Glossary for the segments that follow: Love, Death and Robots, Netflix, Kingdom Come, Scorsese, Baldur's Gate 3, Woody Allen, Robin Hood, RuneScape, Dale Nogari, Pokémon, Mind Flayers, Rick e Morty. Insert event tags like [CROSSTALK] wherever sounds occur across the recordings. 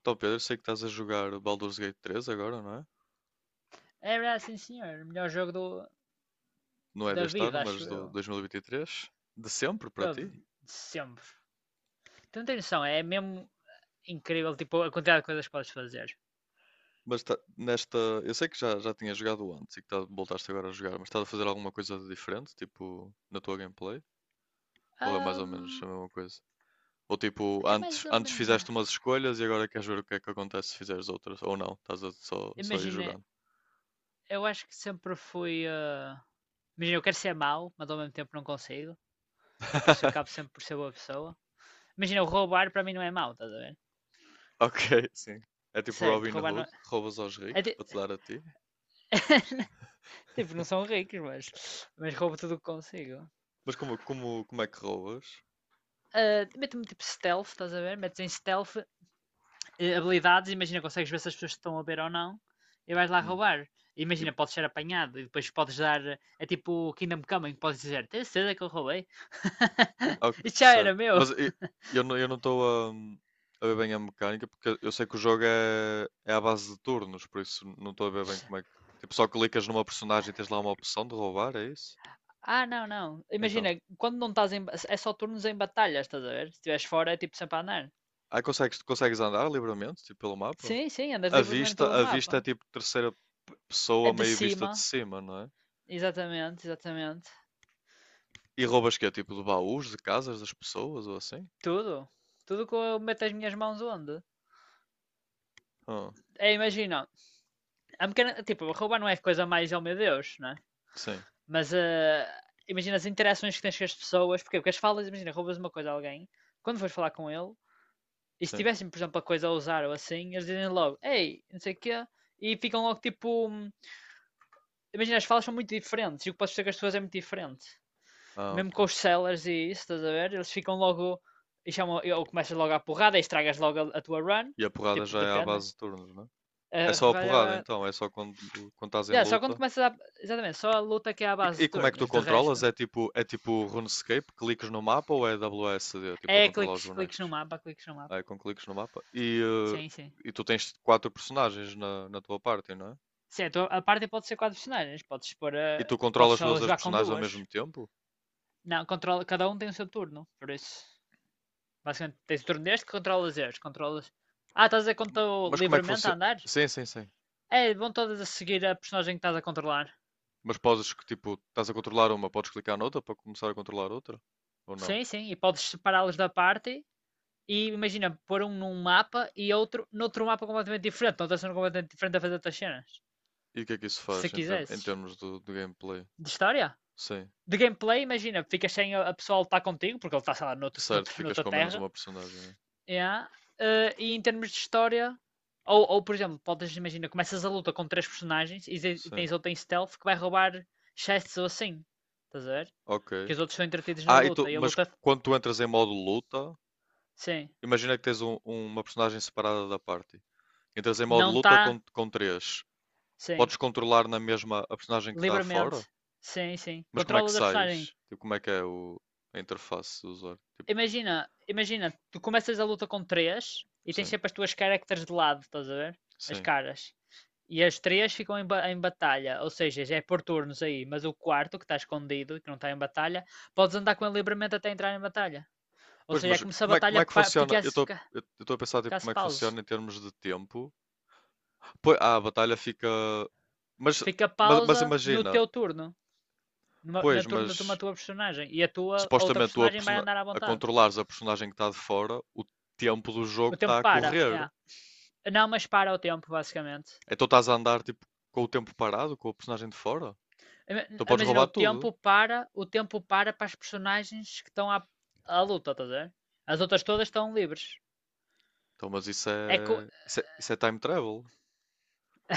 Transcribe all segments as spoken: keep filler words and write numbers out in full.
Então, Pedro, eu sei que estás a jogar o Baldur's Gate três agora, não é? Era, sim senhor. Melhor jogo do, Não é da deste ano, vida, mas acho do eu. dois mil e vinte e três. De sempre para Bro, ti. de sempre. Tu não tens noção, é mesmo incrível tipo, a quantidade de coisas que podes fazer. Mas tá- nesta. Eu sei que já, já tinha jogado antes e que tá- voltaste agora a jogar, mas estás a fazer alguma coisa de diferente, tipo, na tua gameplay? Ou é mais ou menos Ahm, a mesma coisa? Ou tipo, É antes, mais ou antes menos. fizeste umas escolhas e agora queres ver o que é que acontece se fizeres outras? Ou não, estás a só, só ir Imagina, jogando. eu acho que sempre fui. ah, Imagina, eu quero ser mau, mas ao mesmo tempo não consigo. E por isso eu acabo [LAUGHS] sempre por ser boa pessoa. Imagina, o roubar para mim não é mau, estás a ver? Ok, sim. É tipo Certo, Robin roubar não. Hood, roubas aos É é ricos ti- para te dar a ti. [LAUGHS] tipo, não são [LAUGHS] ricos, mas. Mas roubo tudo o que consigo. Mas como, como, como é que roubas? Ah, meto-me tipo stealth, estás a ver? Metes em stealth, eh, habilidades, imagina, consegues ver se as pessoas te estão a ver ou não e vais lá Hum. roubar. Imagina, podes ser apanhado e depois podes dar. eh, É tipo o Kingdom Come, em que podes dizer: tens certeza que eu roubei? [LAUGHS] Ok, Isto já era certo. meu. Mas e- eu, não- eu não estou a, a ver bem a mecânica, porque eu sei que o jogo é, é à base de turnos, por isso não estou a ver bem como é que. Tipo, só clicas numa personagem e tens lá uma opção de roubar, é isso? Ah, não, não. Então. Imagina, quando não estás em. É só turnos em batalha, estás a ver? Se estiveres fora, é tipo sempre a andar. Aí consegues, consegues andar livremente, tipo, pelo mapa? Sim, sim, andas A livremente vista, pelo a mapa. vista é tipo terceira É pessoa, de meio vista de cima, cima, não é? exatamente, exatamente. E roubas que é tipo de baús, de casas das pessoas ou assim? Tudo. Tudo que eu meto as minhas mãos onde. Ah, É, imagina, a mecânica, tipo, roubar não é coisa mais, oh meu Deus, né? sim, Mas eh, imagina as interações que tens com as pessoas, porquê? Porque as falas, imagina, roubas uma coisa a alguém, quando fores falar com ele, e se sim. tivessem, por exemplo, a coisa a usar ou assim, eles dizem logo, ei, não sei o quê, e ficam logo tipo. hum, Imagina, as falas são muito diferentes e o que podes dizer com as pessoas é muito diferente. Ah, Mesmo com ok. os sellers e isso, estás a ver? Eles ficam logo. E chamam, ou começas logo a porrada e estragas logo a, a tua run. E a porrada Tipo, já é à depende, né? base de turnos, não é? A É a só a porrada porrada é. então, é só quando, quando estás em Yeah, só quando luta. começas a. Exatamente, só a luta que é à base E, e de como é que tu turnos. De resto, controlas? É tipo, é tipo RuneScape, cliques no mapa ou é W S D tipo a é controlar os cliques, cliques no bonecos? mapa, cliques no mapa. Ah, é com cliques no mapa. E, Sim, sim. eh, e tu tens quatro personagens na, na tua party, não é? Certo, a parte pode ser quatro personagens. Podes pôr a... E tu Podes controlas só todas as jogar com personagens ao duas. mesmo tempo? Não, controla... cada um tem o seu turno. Por isso, basicamente, tens o turno deste que controlas este. Controlas... Ah, estás a dizer quando Ma- estou Mas como é que livremente a funciona? andar? Sim, sim, sim. É, vão todas a seguir a personagem que estás a controlar. Mas podes que tipo, estás a controlar uma, podes clicar noutra para começar a controlar outra? Ou não? Sim, sim. E podes separá-los da party. E imagina, pôr um num mapa e outro noutro mapa completamente diferente. Noutra cena completamente diferente a fazer outras cenas. E o que é que isso Se faz em, ter- em quisesses. termos do, do gameplay? De história? Sim, De gameplay, imagina, ficas sem a, a pessoa a lutar contigo, porque ele está, sei lá, noutro, [LAUGHS] certo, noutro, ficas noutra com menos terra. uma personagem. É. Yeah. Uh, e em termos de história, ou, ou por exemplo, podes imaginar, começas a luta com três personagens e, e Sim, tens outra em stealth que vai roubar chests ou assim. Estás a ver? ok. Que os outros são entretidos na Ah, e tu- luta. E a mas luta, quando tu entras em modo luta, sim, imagina que tens um- uma personagem separada da party. Entras em modo não luta com, está, com três. sim, Podes controlar na mesma a personagem que está fora? livremente. Sim, sim. Mas como é que Controlas a personagem. sais? Tipo, como é que é o, a interface do usuário? Tipo, Imagina, imagina, tu começas a luta com três e tens sim, sempre as tuas characters de lado, estás a ver? As sim. caras. E as três ficam em, ba- em batalha, ou seja, já é por turnos aí, mas o quarto, que está escondido, que não está em batalha, podes andar com ele livremente até entrar em batalha. Ou Pois, seja, é mas como se a como é, como é batalha que funciona? Eu ficasse, estou fica- eu estou a pensar tipo, ficasse como é que pausa. funciona em termos de tempo. Pois, ah, a batalha fica. Mas, Fica mas, mas pausa no imagina, teu turno, numa, na pois, turno de uma mas tua personagem, e a tua a outra supostamente tu a, personagem vai persona- andar à a vontade. controlares a personagem que está de fora, o tempo do O jogo tempo está a para, correr. yeah. Não, mas para o tempo, basicamente. Então estás a andar tipo com o tempo parado, com o personagem de fora. Então podes Imagina, o roubar tudo. tempo para, o tempo para para as personagens que estão à, à luta, estás a ver? As outras todas estão livres. Então, mas isso É que o. é, isso é, isso é time travel.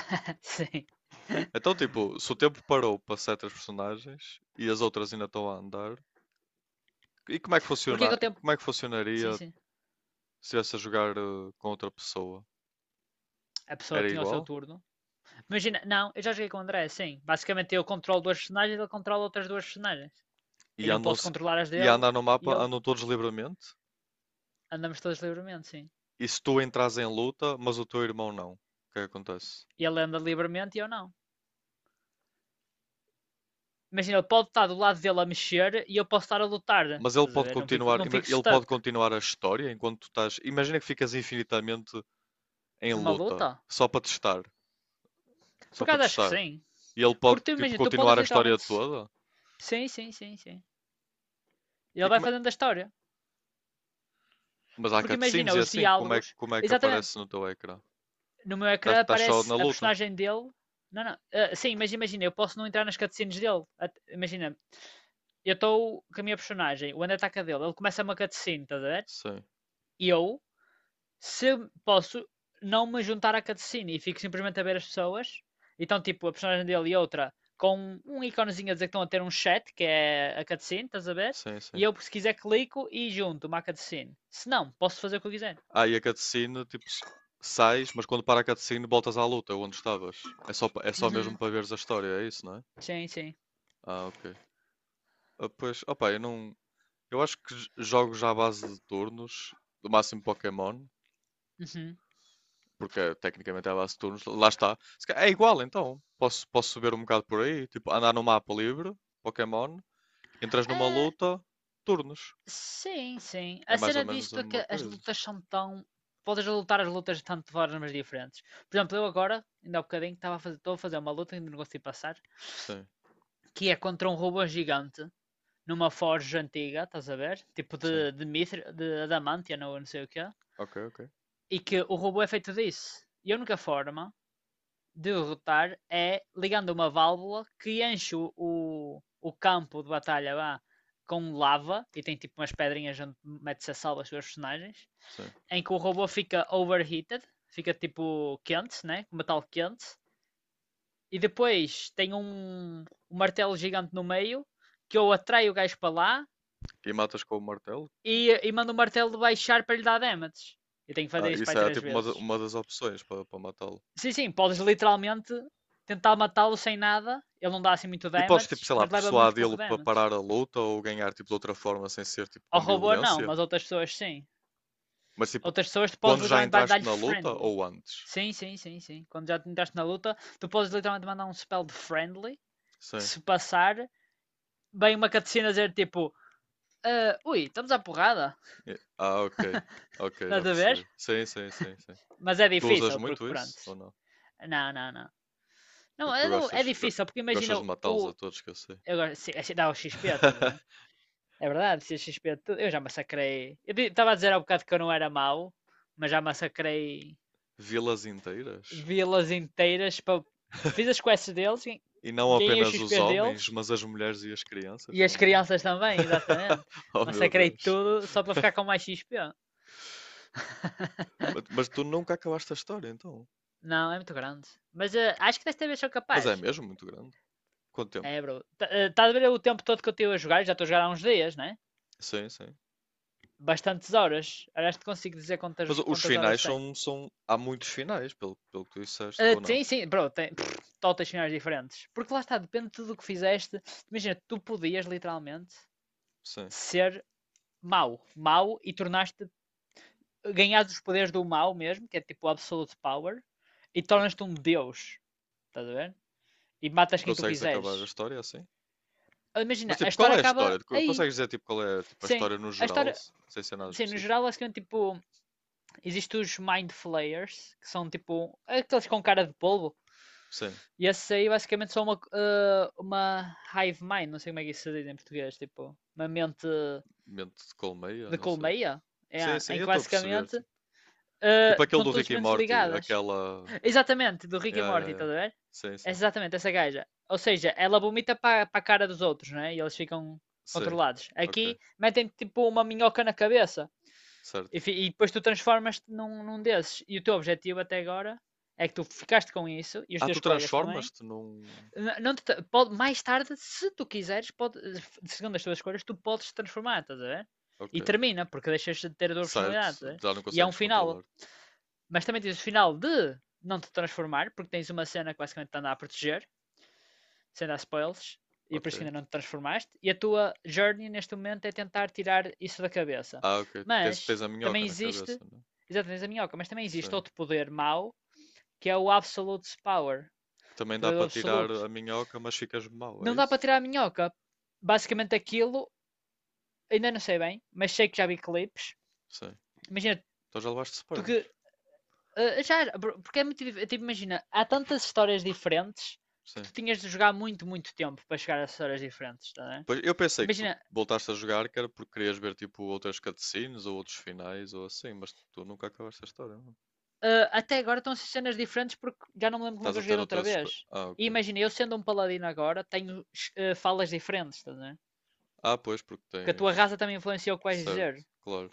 [LAUGHS] Sim. Então, tipo, se o tempo parou para certas personagens e as outras ainda estão a andar, e como é que Porque é funciona, que o e tempo. como é que Sim, funcionaria se sim. estivesse a jogar eh, com outra pessoa? A pessoa Era tinha o seu igual? turno. Imagina, não, eu já joguei com o André, sim. Basicamente eu controlo duas personagens, ele controla outras duas personagens. E E não andam, posso se- controlar as e a dele andar no mapa e ele. andam todos livremente? Andamos todos livremente, sim. E se tu entras em luta, mas o teu irmão não, o que é que acontece? E ele anda livremente e eu não. Imagina, ele pode estar do lado dele a mexer e eu posso estar a lutar. Mas ele Estás a pode ver? Não fico, continuar, Não ima- fico ele pode stuck continuar a história enquanto tu estás. Imagina que ficas infinitamente em numa luta, luta. só para testar, só Por para acaso acho que testar. sim. E ele pode Porque tu tipo imagina, tu podes continuar a história literalmente. toda. Sim, sim, sim, sim. E Ele vai como é- fazendo a história. mas há Porque cutscenes imagina, e os assim, como é, diálogos. como é que Exatamente. aparece no teu ecrã? No meu Estás ecrã tá só na aparece a luta? personagem dele. Não, não. Ah, sim, mas imagina, eu posso não entrar nas cutscenes dele. At- Imagina, eu estou com a minha personagem, o André ataca dele, ele começa uma cutscene, estás a ver? Sim, E eu se posso não me juntar à cutscene e fico simplesmente a ver as pessoas, então tipo a personagem dele e outra com um íconezinho a dizer que estão a ter um chat, que é a cutscene, estás a ver? sim, E sim. eu, se quiser, clico e junto uma cutscene. Se não, posso fazer o que eu quiser. Ah, e a cutscene, tipo, s- sais, mas quando para a cutscene voltas à luta, onde estavas. É só, pa- é só mesmo Uhum. para veres a história, é isso, não é? Sim, sim. Ah, ok. Ah, pois, opa, eu não. Eu acho que j- jogo já à base de turnos, do máximo Pokémon, Uhum. porque eh, tecnicamente é a base de turnos, lá está. Se ca- é igual então, posso, posso subir um bocado por aí, tipo, andar no mapa livre, Pokémon, entras numa Ah, luta, turnos. sim, sim. É A mais ou cena menos a disto é mesma que as coisa. lutas são tão. Podes lutar as lutas de tanto de formas diferentes. Por exemplo, eu agora, ainda há bocadinho, estava a fazer, estou a fazer uma luta que ainda não consegui passar, Sim, que é contra um robô gigante numa forja antiga, estás a ver? Tipo sim. de, de, mitri, de adamantia ou não sei o quê. Ok, ok. E que o robô é feito disso. E a única forma de derrotar é ligando uma válvula que enche o, o campo de batalha lá com lava e tem tipo umas pedrinhas onde mete-se a salva os seus personagens. Sim. Em que o robô fica overheated, fica tipo quente, né? Com metal quente. E depois tem um, um martelo gigante no meio que ou atrai o gajo para lá E matas com o martelo? e, e mando o martelo baixar para lhe dar damage. Eu tenho que Ah, fazer isso para isso aí é três tipo uma, da- vezes. uma das opções para para matá-lo. Sim, sim, podes literalmente tentar matá-lo sem nada. Ele não dá assim muito E podes, tipo, damage, sei lá, mas leva muito pouco persuadi-lo para damage. parar a luta ou ganhar, tipo, de outra forma sem ser, tipo, Ao com robô não, violência? mas outras pessoas sim. Mas tipo, Outras pessoas tu podes quando já literalmente entraste dar-lhe na luta friendly. ou antes? Sim, sim, sim, sim. Quando já te entraste na luta, tu podes literalmente mandar um spell de friendly, que Sim. se passar, vem uma cutscene a dizer tipo, ah, ui, estamos à porrada. E- Ah, ok. Ok, já Estás a ver? percebi. Sim, sim, sim, sim. Mas é Tu usas difícil, porque muito pronto. isso ou não? Não, não, não. Não, Porque tu é, não- é gostas, go- difícil, porque imagina gostas de matá-los a o. todos que eu sei. Agora, se, se dá o X P, estás a ver? [LAUGHS] É verdade, se é X P, tu- eu já massacrei. Eu estava a dizer há bocado que eu não era mau, mas já massacrei Vilas inteiras? vilas inteiras. Para... Fiz as [LAUGHS] quests deles, gan- E não ganhei os apenas x os XPs homens, deles mas as mulheres e as crianças e as também. crianças também, exatamente. [LAUGHS] Oh meu Massacrei Deus. tudo só para ficar com mais x XP. Mas, [LAUGHS] mas tu nunca acabaste a história, então. Não, é muito grande. Mas eh, acho que desta vez sou Mas é capaz. mesmo muito grande. Quanto tempo? É, bro. Tá- eh, Estás a ver o tempo todo que eu estive a jogar? Eu já estou a jogar há uns dias, né? Sim, sim. Bastantes horas. Aliás, te consigo dizer quantas, Mas os quantas finais horas tem. são, são... há muitos finais, pelo, pelo que tu disseste, Ah, ou não? sim, sim, bro, tem pff, totas finais diferentes. Porque lá está, depende de tudo o que fizeste. Imagina, tu podias literalmente Sim. ser mau, mau e tornaste, ganhaste os poderes do mau mesmo, que é tipo absolute power, e tornas-te Ok. um deus, estás a ver? E E matas quem tu consegues acabar a quiseres. história é assim? Mas Imagina, a tipo, qual história é a acaba história? Co- aí. Consegues dizer tipo qual é tipo, a Sim, história no a geral, história, se- sem ser nada sim, no específico? geral, basicamente, tipo, existem os Mind Flayers, que são tipo aqueles com cara de polvo. Sim. E esses aí basicamente são uma, eh, uma hive mind, não sei como é que isso se diz em português, tipo, uma mente Mente de colmeia, de não sei. colmeia, é, Sim, sim, em eu que estou a perceber. basicamente Tipo, tipo eh, aquele estão do todas as Rick e mentes Morty, ligadas. aquela. Exatamente, do Rick e Yeah, yeah, Morty, estás yeah. a ver? Sim, É sim. exatamente, essa gaja. Ou seja, ela vomita para a cara dos outros, né? E eles ficam Sim. controlados. Ok. Aqui metem tipo uma minhoca na cabeça Certo. enfim, e depois tu transformas-te num, num desses. E o teu objetivo até agora é que tu ficaste com isso e os Ah, teus tu colegas também. transformas-te num. Não te pode, mais tarde, se tu quiseres, pode, segundo as tuas escolhas, tu podes te transformar, estás a ver? E Ok. termina, porque deixas de ter a tua Certo. personalidade, estás a ver? Já não E há um consegues final. controlar. Mas também tens o final de não te transformar, porque tens uma cena que basicamente te anda a proteger sem dar spoilers, e é por isso que Ok. ainda não te transformaste, e a tua journey neste momento é tentar tirar isso da cabeça. Ah, ok. Tens, Mas tens a também minhoca na existe, cabeça, não? É? exatamente a minhoca, mas também existe Sim. outro poder mau, que é o Absolute Power, Que também dá poder para tirar absoluto. a minhoca, mas ficas mau, Não é dá para isso? tirar a minhoca. Basicamente aquilo, ainda não sei bem, mas sei que já vi clipes. Sim. Imagina, Então já levaste tu spoilers. que. Eh, já, porque é muito dif- tipo, imagina, há tantas histórias diferentes que Sim. tu tinhas de jogar muito, muito tempo para chegar a histórias diferentes, tá, a. Pois, eu pensei que tu Imagina, voltaste a jogar que era porque querias ver tipo outras cutscenes ou outros finais ou assim, mas tu nunca acabaste a história. Não? ah, até agora estão a ser cenas diferentes porque já não me lembro como é Estás que eu a joguei ter da outra outras coisas. vez. Ah, ok. E imagina, eu sendo um paladino agora, tenho eh, falas diferentes, estás a. Ah, pois, porque Porque a tua tens. raça também influencia o que vais Certo, dizer. claro.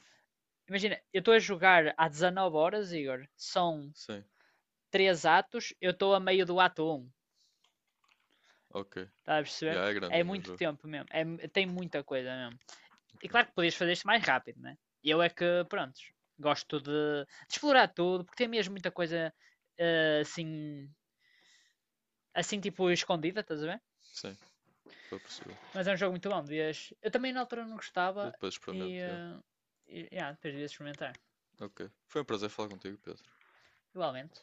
Imagina, eu estou a jogar há dezanove horas, Igor. São Sim, três atos, eu estou a meio do ato um. ok. Estás a perceber? Yeah, é É grandinho o muito jogo. tempo mesmo. É, tem muita coisa mesmo. E Ok. claro que podias fazer isto mais rápido, né? Eu é que, prontos, gosto de, de explorar tudo, porque tem mesmo muita coisa eh, assim, assim tipo escondida, estás a ver? Sim, estou a perceber. Mas é um jogo muito bom. Devias... Eu também na altura não Eu gostava depois e. experimento. Yeah. eh, E yeah, depois devias experimentar. Ok. Foi um prazer falar contigo, Pedro. Igualmente.